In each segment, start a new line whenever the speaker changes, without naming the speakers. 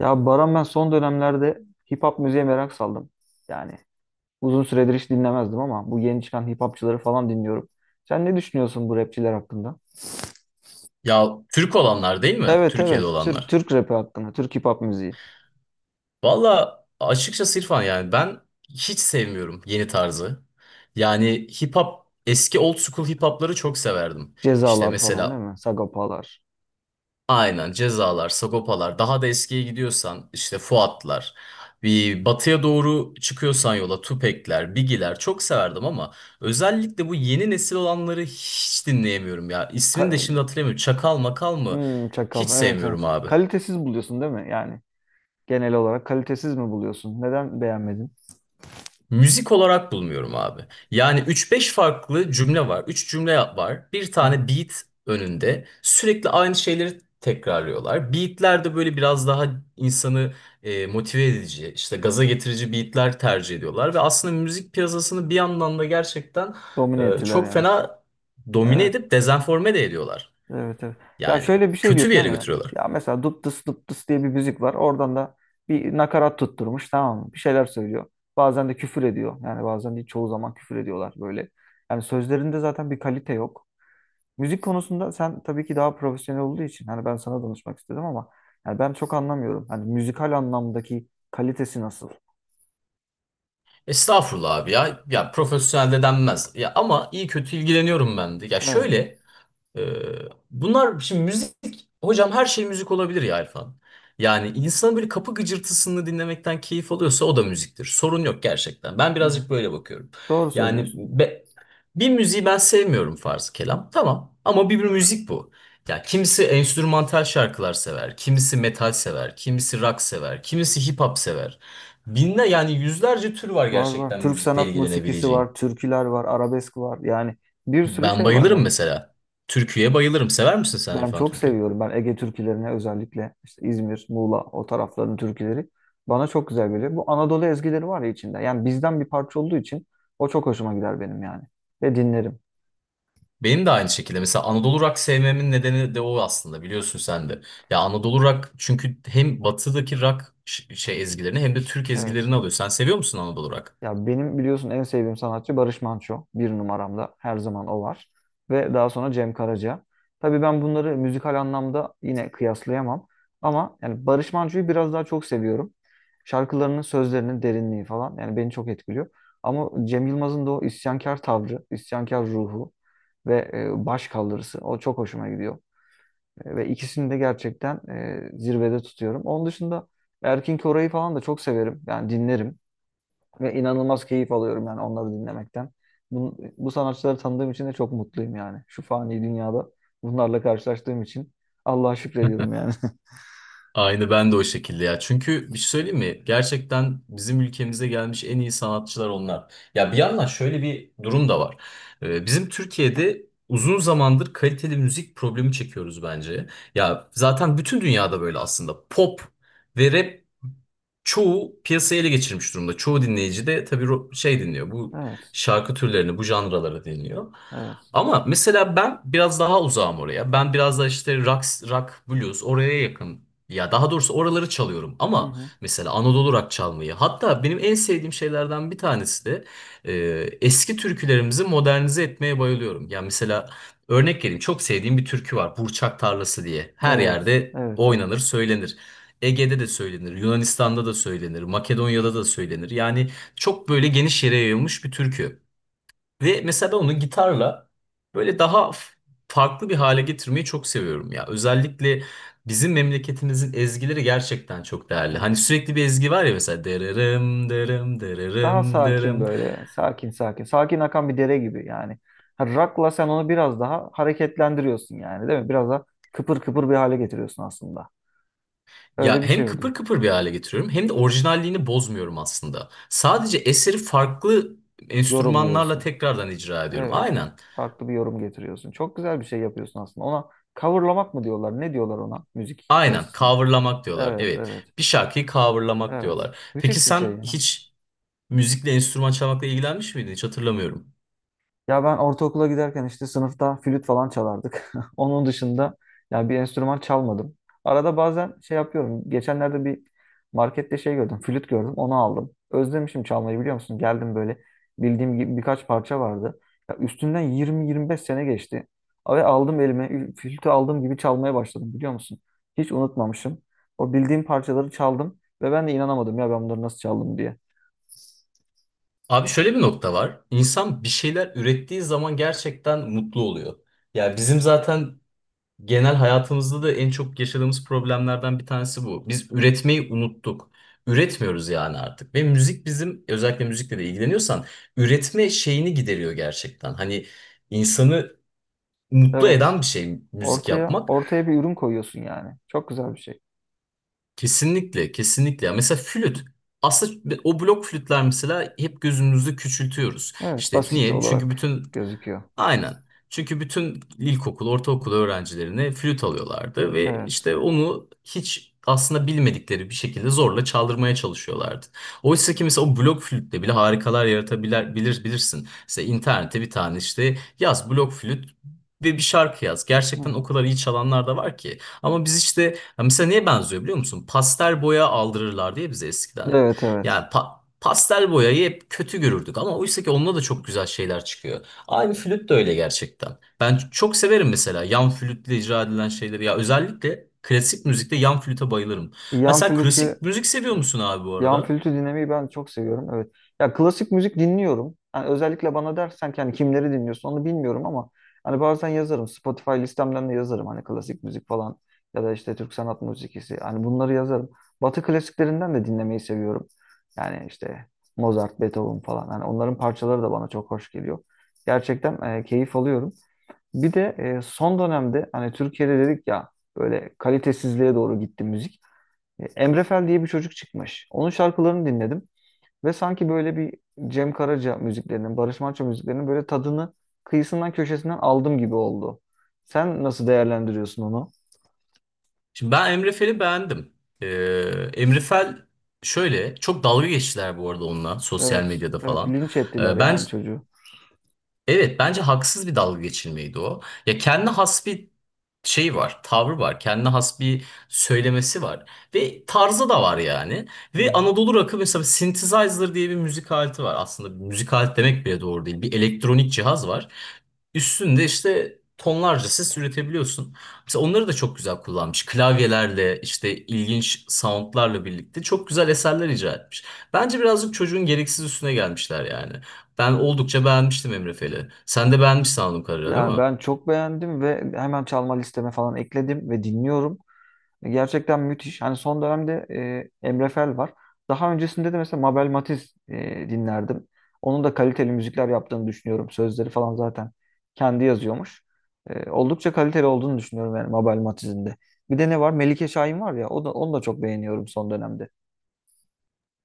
Ya Baran ben son dönemlerde hip hop müziğe merak saldım. Yani uzun süredir hiç dinlemezdim ama bu yeni çıkan hip hopçıları falan dinliyorum. Sen ne düşünüyorsun bu rapçiler hakkında?
Ya Türk olanlar değil mi?
Evet,
Türkiye'de
evet, Türk
olanlar.
Türk rapi hakkında, Türk hip hop müziği.
Valla açıkçası İrfan yani ben hiç sevmiyorum yeni tarzı. Yani hip hop eski old school hip hopları çok severdim. İşte
Cezalar falan değil
mesela
mi? Sagapalar.
aynen Cezalar, Sagopalar daha da eskiye gidiyorsan işte Fuatlar. Bir batıya doğru çıkıyorsan yola Tupac'ler, Biggie'ler çok severdim ama özellikle bu yeni nesil olanları hiç dinleyemiyorum ya. İsmini de
Ka
şimdi hatırlamıyorum.
k-
Çakal makal mı? Hiç
Çakal, evet, evet.
sevmiyorum abi.
Kalitesiz buluyorsun değil mi? Yani genel olarak kalitesiz mi buluyorsun? Neden beğenmedin?
Müzik olarak bulmuyorum abi. Yani üç beş farklı cümle var. Üç cümle var. Bir
Hı hı.
tane beat önünde. Sürekli aynı şeyleri tekrarlıyorlar. Beatler de böyle biraz daha insanı motive edici, işte gaza getirici beatler tercih ediyorlar. Ve aslında müzik piyasasını bir yandan da gerçekten
Domine ettiler
çok
yani.
fena domine
Evet.
edip dezenforme de ediyorlar.
Evet, evet. Ya
Yani
şöyle bir şey
kötü bir
diyorsun değil
yere
mi?
götürüyorlar.
Ya mesela dup dıs dup dıs diye bir müzik var. Oradan da bir nakarat tutturmuş, tamam mı? Bir şeyler söylüyor. Bazen de küfür ediyor. Yani bazen değil çoğu zaman küfür ediyorlar böyle. Yani sözlerinde zaten bir kalite yok. Müzik konusunda sen tabii ki daha profesyonel olduğu için hani ben sana danışmak istedim ama yani ben çok anlamıyorum. Hani müzikal anlamdaki kalitesi nasıl?
Estağfurullah abi ya. Ya profesyonel de denmez. Ya ama iyi kötü ilgileniyorum ben de. Ya
Evet.
şöyle... Bunlar şimdi müzik hocam her şey müzik olabilir ya Erfan. Yani insanın böyle kapı gıcırtısını dinlemekten keyif alıyorsa o da müziktir. Sorun yok gerçekten. Ben
Hı hı.
birazcık böyle bakıyorum.
Doğru
Yani
söylüyorsun.
bir müziği ben sevmiyorum farz kelam. Tamam ama bir müzik bu. Ya kimisi enstrümantal şarkılar sever, kimisi metal sever, kimisi rock sever, kimisi hip hop sever. Binler yani yüzlerce tür var
Var var.
gerçekten
Türk
müzikle
sanat musikisi
ilgilenebileceğin.
var, türküler var, arabesk var. Yani bir sürü
Ben
şey var
bayılırım
yani.
mesela. Türküye bayılırım. Sever misin sen
Ben
İrfan
çok
Türkü?
seviyorum. Ben Ege türkülerini özellikle işte İzmir, Muğla o tarafların türküleri bana çok güzel geliyor. Bu Anadolu ezgileri var ya içinde. Yani bizden bir parça olduğu için o çok hoşuma gider benim yani. Ve dinlerim.
Benim de aynı şekilde. Mesela Anadolu Rock sevmemin nedeni de o aslında biliyorsun sen de. Ya Anadolu Rock çünkü hem batıdaki rock şey ezgilerini hem de Türk
Evet.
ezgilerini alıyor. Sen seviyor musun Anadolu Rock?
Ya benim biliyorsun en sevdiğim sanatçı Barış Manço. Bir numaramda her zaman o var. Ve daha sonra Cem Karaca. Tabii ben bunları müzikal anlamda yine kıyaslayamam. Ama yani Barış Manço'yu biraz daha çok seviyorum. Şarkılarının sözlerinin derinliği falan yani beni çok etkiliyor. Ama Cem Yılmaz'ın da o isyankar tavrı, isyankar ruhu ve baş kaldırısı o çok hoşuma gidiyor. Ve ikisini de gerçekten zirvede tutuyorum. Onun dışında Erkin Koray'ı falan da çok severim. Yani dinlerim. Ve inanılmaz keyif alıyorum yani onları dinlemekten. Bu sanatçıları tanıdığım için de çok mutluyum yani. Şu fani dünyada bunlarla karşılaştığım için Allah'a şükrediyorum yani.
Aynı ben de o şekilde ya. Çünkü bir şey söyleyeyim mi? Gerçekten bizim ülkemize gelmiş en iyi sanatçılar onlar. Ya bir yandan şöyle bir durum da var. Bizim Türkiye'de uzun zamandır kaliteli müzik problemi çekiyoruz bence. Ya zaten bütün dünyada böyle aslında. Pop ve rap çoğu piyasayı ele geçirmiş durumda. Çoğu dinleyici de tabii şey dinliyor. Bu
Evet,
şarkı türlerini, bu janraları dinliyor.
evet.
Ama mesela ben biraz daha uzağım oraya. Ben biraz da işte rock, blues oraya yakın ya daha doğrusu oraları çalıyorum
Hı
ama
hı.
mesela Anadolu rock çalmayı hatta benim en sevdiğim şeylerden bir tanesi de e, eski türkülerimizi modernize etmeye bayılıyorum. Ya mesela örnek vereyim çok sevdiğim bir türkü var Burçak Tarlası diye. Her
Evet,
yerde
evet, evet,
oynanır söylenir. Ege'de de söylenir, Yunanistan'da da söylenir, Makedonya'da da söylenir. Yani çok böyle geniş yere yayılmış bir türkü. Ve mesela ben onu gitarla böyle daha farklı bir hale getirmeyi çok seviyorum ya. Özellikle bizim memleketimizin ezgileri gerçekten çok değerli. Hani
evet.
sürekli bir ezgi var ya mesela dırırım dırım
Daha
dırırım
sakin
dırım.
böyle, sakin sakin. Sakin akan bir dere gibi yani. Ha, Rock'la sen onu biraz daha hareketlendiriyorsun yani değil mi? Biraz daha kıpır kıpır bir hale getiriyorsun aslında.
Ya
Öyle bir şey
hem
oluyor.
kıpır kıpır bir hale getiriyorum hem de orijinalliğini bozmuyorum aslında. Sadece eseri farklı enstrümanlarla
Yorumluyorsun.
tekrardan icra ediyorum.
Evet.
Aynen.
Farklı bir yorum getiriyorsun. Çok güzel bir şey yapıyorsun aslında. Ona coverlamak mı diyorlar? Ne diyorlar ona müzik
Aynen.
piyasasında?
Coverlamak diyorlar.
Evet,
Evet.
evet,
Bir şarkıyı coverlamak
evet.
diyorlar. Peki
Müthiş bir
sen
şey.
hiç müzikle enstrüman çalmakla ilgilenmiş miydin? Hiç hatırlamıyorum.
Ya ben ortaokula giderken işte sınıfta flüt falan çalardık. Onun dışında ya bir enstrüman çalmadım. Arada bazen şey yapıyorum. Geçenlerde bir markette şey gördüm. Flüt gördüm. Onu aldım. Özlemişim çalmayı, biliyor musun? Geldim böyle, bildiğim gibi birkaç parça vardı. Ya üstünden 20-25 sene geçti. Ve aldım elime, flütü aldığım gibi çalmaya başladım, biliyor musun? Hiç unutmamışım. O bildiğim parçaları çaldım ve ben de inanamadım ya, ben bunları nasıl çaldım diye.
Abi şöyle bir nokta var. İnsan bir şeyler ürettiği zaman gerçekten mutlu oluyor. Ya bizim zaten genel hayatımızda da en çok yaşadığımız problemlerden bir tanesi bu. Biz üretmeyi unuttuk. Üretmiyoruz yani artık. Ve müzik bizim özellikle müzikle de ilgileniyorsan üretme şeyini gideriyor gerçekten. Hani insanı mutlu
Evet.
eden bir şey müzik
Ortaya
yapmak.
ortaya bir ürün koyuyorsun yani. Çok güzel bir şey.
Kesinlikle, kesinlikle. Ya mesela flüt. Aslında o blok flütler mesela hep gözümüzde küçültüyoruz.
Evet,
İşte
basit
niye? Çünkü
olarak
bütün
gözüküyor.
Aynen. Çünkü bütün ilkokul, ortaokul öğrencilerine flüt alıyorlardı ve
Evet.
işte onu hiç aslında bilmedikleri bir şekilde zorla çaldırmaya çalışıyorlardı. Oysa ki mesela o blok flütle bile harikalar yaratabilir bilirsin. Mesela internete bir tane işte yaz blok flüt ve bir şarkı yaz.
Hı
Gerçekten o
hı.
kadar iyi çalanlar da var ki. Ama biz işte ya mesela neye benziyor biliyor musun? Pastel boya aldırırlar diye bize eskiden hep.
Evet,
Yani
evet.
pastel boyayı hep kötü görürdük ama oysa ki onunla da çok güzel şeyler çıkıyor. Abi flüt de öyle gerçekten. Ben çok severim mesela yan flütle icra edilen şeyleri. Ya özellikle klasik müzikte yan flüte bayılırım. Ha
Yan
sen
flütü
klasik müzik seviyor musun abi bu
Yan
arada?
flütü dinlemeyi ben çok seviyorum. Evet. Ya klasik müzik dinliyorum. Yani özellikle bana dersen ki hani kimleri dinliyorsun onu bilmiyorum ama hani bazen yazarım. Spotify listemden de yazarım, hani klasik müzik falan ya da işte Türk sanat müziği, hani bunları yazarım. Batı klasiklerinden de dinlemeyi seviyorum. Yani işte Mozart, Beethoven falan. Hani onların parçaları da bana çok hoş geliyor. Gerçekten keyif alıyorum. Bir de son dönemde hani Türkiye'de dedik ya, böyle kalitesizliğe doğru gitti müzik. Emre Fel diye bir çocuk çıkmış. Onun şarkılarını dinledim ve sanki böyle bir Cem Karaca müziklerinin, Barış Manço müziklerinin böyle tadını kıyısından köşesinden aldım gibi oldu. Sen nasıl değerlendiriyorsun onu?
Şimdi ben Emre Fel'i beğendim. Ee, Emre Fel şöyle çok dalga geçtiler bu arada onunla sosyal
Evet,
medyada
evet,
falan.
linç ettiler
Ben
yani çocuğu.
Evet bence haksız bir dalga geçilmeydi o. Ya kendi has bir şey var, tavrı var, kendi has bir söylemesi var ve tarzı da var yani.
Hı
Ve
hı.
Anadolu rock'ı mesela synthesizer diye bir müzik aleti var. Aslında bir müzik aleti demek bile doğru değil. Bir elektronik cihaz var. Üstünde işte tonlarca ses üretebiliyorsun. Mesela onları da çok güzel kullanmış. Klavyelerle işte ilginç soundlarla birlikte çok güzel eserler icra etmiş. Bence birazcık çocuğun gereksiz üstüne gelmişler yani. Ben oldukça beğenmiştim Emre Fel'i. Sen de beğenmişsin anladığım kadarıyla değil
Ya
mi?
ben çok beğendim ve hemen çalma listeme falan ekledim ve dinliyorum. Gerçekten müthiş. Hani son dönemde Emre Fel var. Daha öncesinde de mesela Mabel Matiz dinlerdim. Onun da kaliteli müzikler yaptığını düşünüyorum. Sözleri falan zaten kendi yazıyormuş. Oldukça kaliteli olduğunu düşünüyorum yani Mabel Matiz'in de. Bir de ne var? Melike Şahin var ya. O da, onu da çok beğeniyorum son dönemde.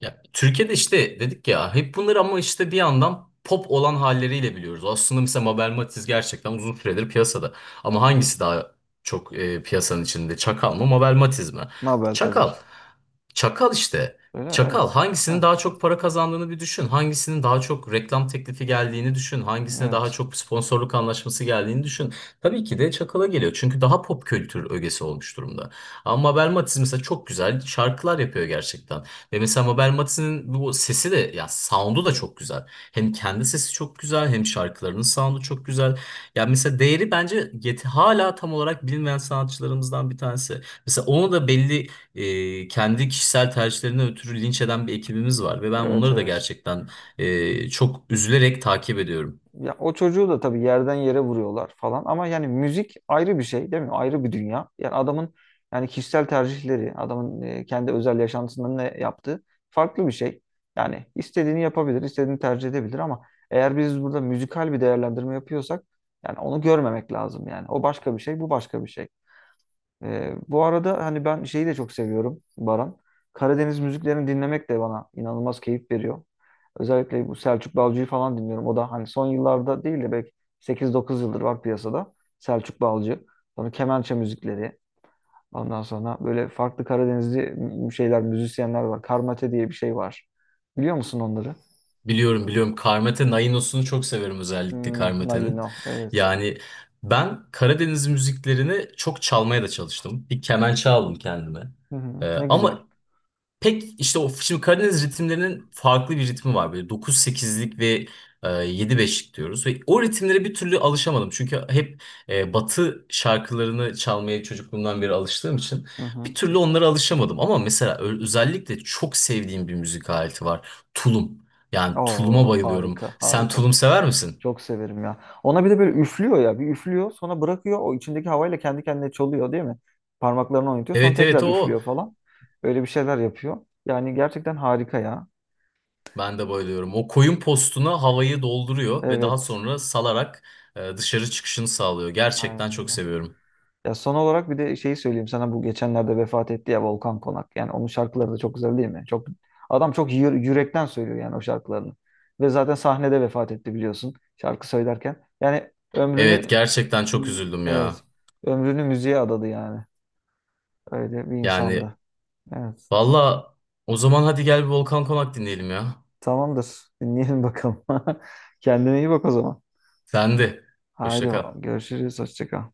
Ya, Türkiye'de işte dedik ya hep bunları ama işte bir yandan pop olan halleriyle biliyoruz. Aslında mesela Mabel Matiz gerçekten uzun süredir piyasada. Ama hangisi daha çok piyasanın içinde? Çakal mı Mabel Matiz mi?
Mabel tabii ki.
Çakal. Çakal işte.
Öyle,
Çakal
evet.
hangisinin
Ha,
daha çok para kazandığını bir düşün. Hangisinin daha çok reklam teklifi geldiğini düşün. Hangisine daha
evet.
çok sponsorluk anlaşması geldiğini düşün. Tabii ki de Çakal'a geliyor. Çünkü daha pop kültür ögesi olmuş durumda. Ama Mabel Matiz mesela çok güzel şarkılar yapıyor gerçekten. Ve mesela Mabel Mati'nin bu sesi de ya sound'u da çok güzel. Hem kendi sesi çok güzel hem şarkılarının sound'u çok güzel. Ya mesela değeri bence yet hala tam olarak bilinmeyen sanatçılarımızdan bir tanesi. Mesela onu da belli kendi kişisel tercihlerinden ötürü linç eden bir ekibimiz var ve ben
Evet,
onları da
evet.
gerçekten çok üzülerek takip ediyorum.
Ya o çocuğu da tabii yerden yere vuruyorlar falan ama yani müzik ayrı bir şey değil mi? Ayrı bir dünya. Yani adamın, yani kişisel tercihleri, adamın kendi özel yaşantısında ne yaptığı farklı bir şey. Yani istediğini yapabilir, istediğini tercih edebilir ama eğer biz burada müzikal bir değerlendirme yapıyorsak yani onu görmemek lazım yani. O başka bir şey, bu başka bir şey. Bu arada hani ben şeyi de çok seviyorum Baran. Karadeniz müziklerini dinlemek de bana inanılmaz keyif veriyor. Özellikle bu Selçuk Balcı'yı falan dinliyorum. O da hani son yıllarda değil de belki 8-9 yıldır var piyasada. Selçuk Balcı. Sonra kemençe müzikleri. Ondan sonra böyle farklı Karadenizli şeyler, müzisyenler var. Karmate diye bir şey var. Biliyor musun onları?
Biliyorum biliyorum. Karmate Nainos'unu çok severim özellikle
Hmm,
Karmate'nin.
Naino. Evet.
Yani ben Karadeniz müziklerini çok çalmaya da çalıştım. Bir kemençe aldım kendime.
Hı hı, ne güzel.
Ama pek işte o şimdi Karadeniz ritimlerinin farklı bir ritmi var. Böyle dokuz sekizlik ve 7-5'lik diyoruz. Ve o ritimlere bir türlü alışamadım. Çünkü hep Batı şarkılarını çalmaya çocukluğumdan beri alıştığım için
Hı hı.
bir türlü onlara alışamadım. Ama mesela özellikle çok sevdiğim bir müzik aleti var. Tulum. Yani tuluma
Oo,
bayılıyorum.
harika,
Sen
harika.
tulum sever misin?
Çok severim ya. Ona bir de böyle üflüyor ya. Bir üflüyor sonra bırakıyor. O içindeki havayla kendi kendine çalıyor değil mi? Parmaklarını oynatıyor. Sonra
Evet evet
tekrar
o.
üflüyor falan. Öyle bir şeyler yapıyor. Yani gerçekten harika ya.
Ben de bayılıyorum. O koyun postuna havayı dolduruyor ve daha
Evet.
sonra salarak dışarı çıkışını sağlıyor.
Aynen,
Gerçekten çok
öyle.
seviyorum.
Ya son olarak bir de şeyi söyleyeyim sana. Bu geçenlerde vefat etti ya Volkan Konak. Yani onun şarkıları da çok güzel değil mi? Çok. Adam çok yürekten söylüyor yani o şarkılarını. Ve zaten sahnede vefat etti, biliyorsun. Şarkı söylerken. Yani
Evet
ömrünü,
gerçekten çok üzüldüm ya.
evet, ömrünü müziğe adadı yani. Öyle bir
Yani
insandı. Evet.
valla o zaman hadi gel bir Volkan Konak dinleyelim ya.
Tamamdır. Dinleyelim bakalım. Kendine iyi bak o zaman.
Sende.
Haydi
Hoşça kal.
bakalım. Görüşürüz. Hoşça kal.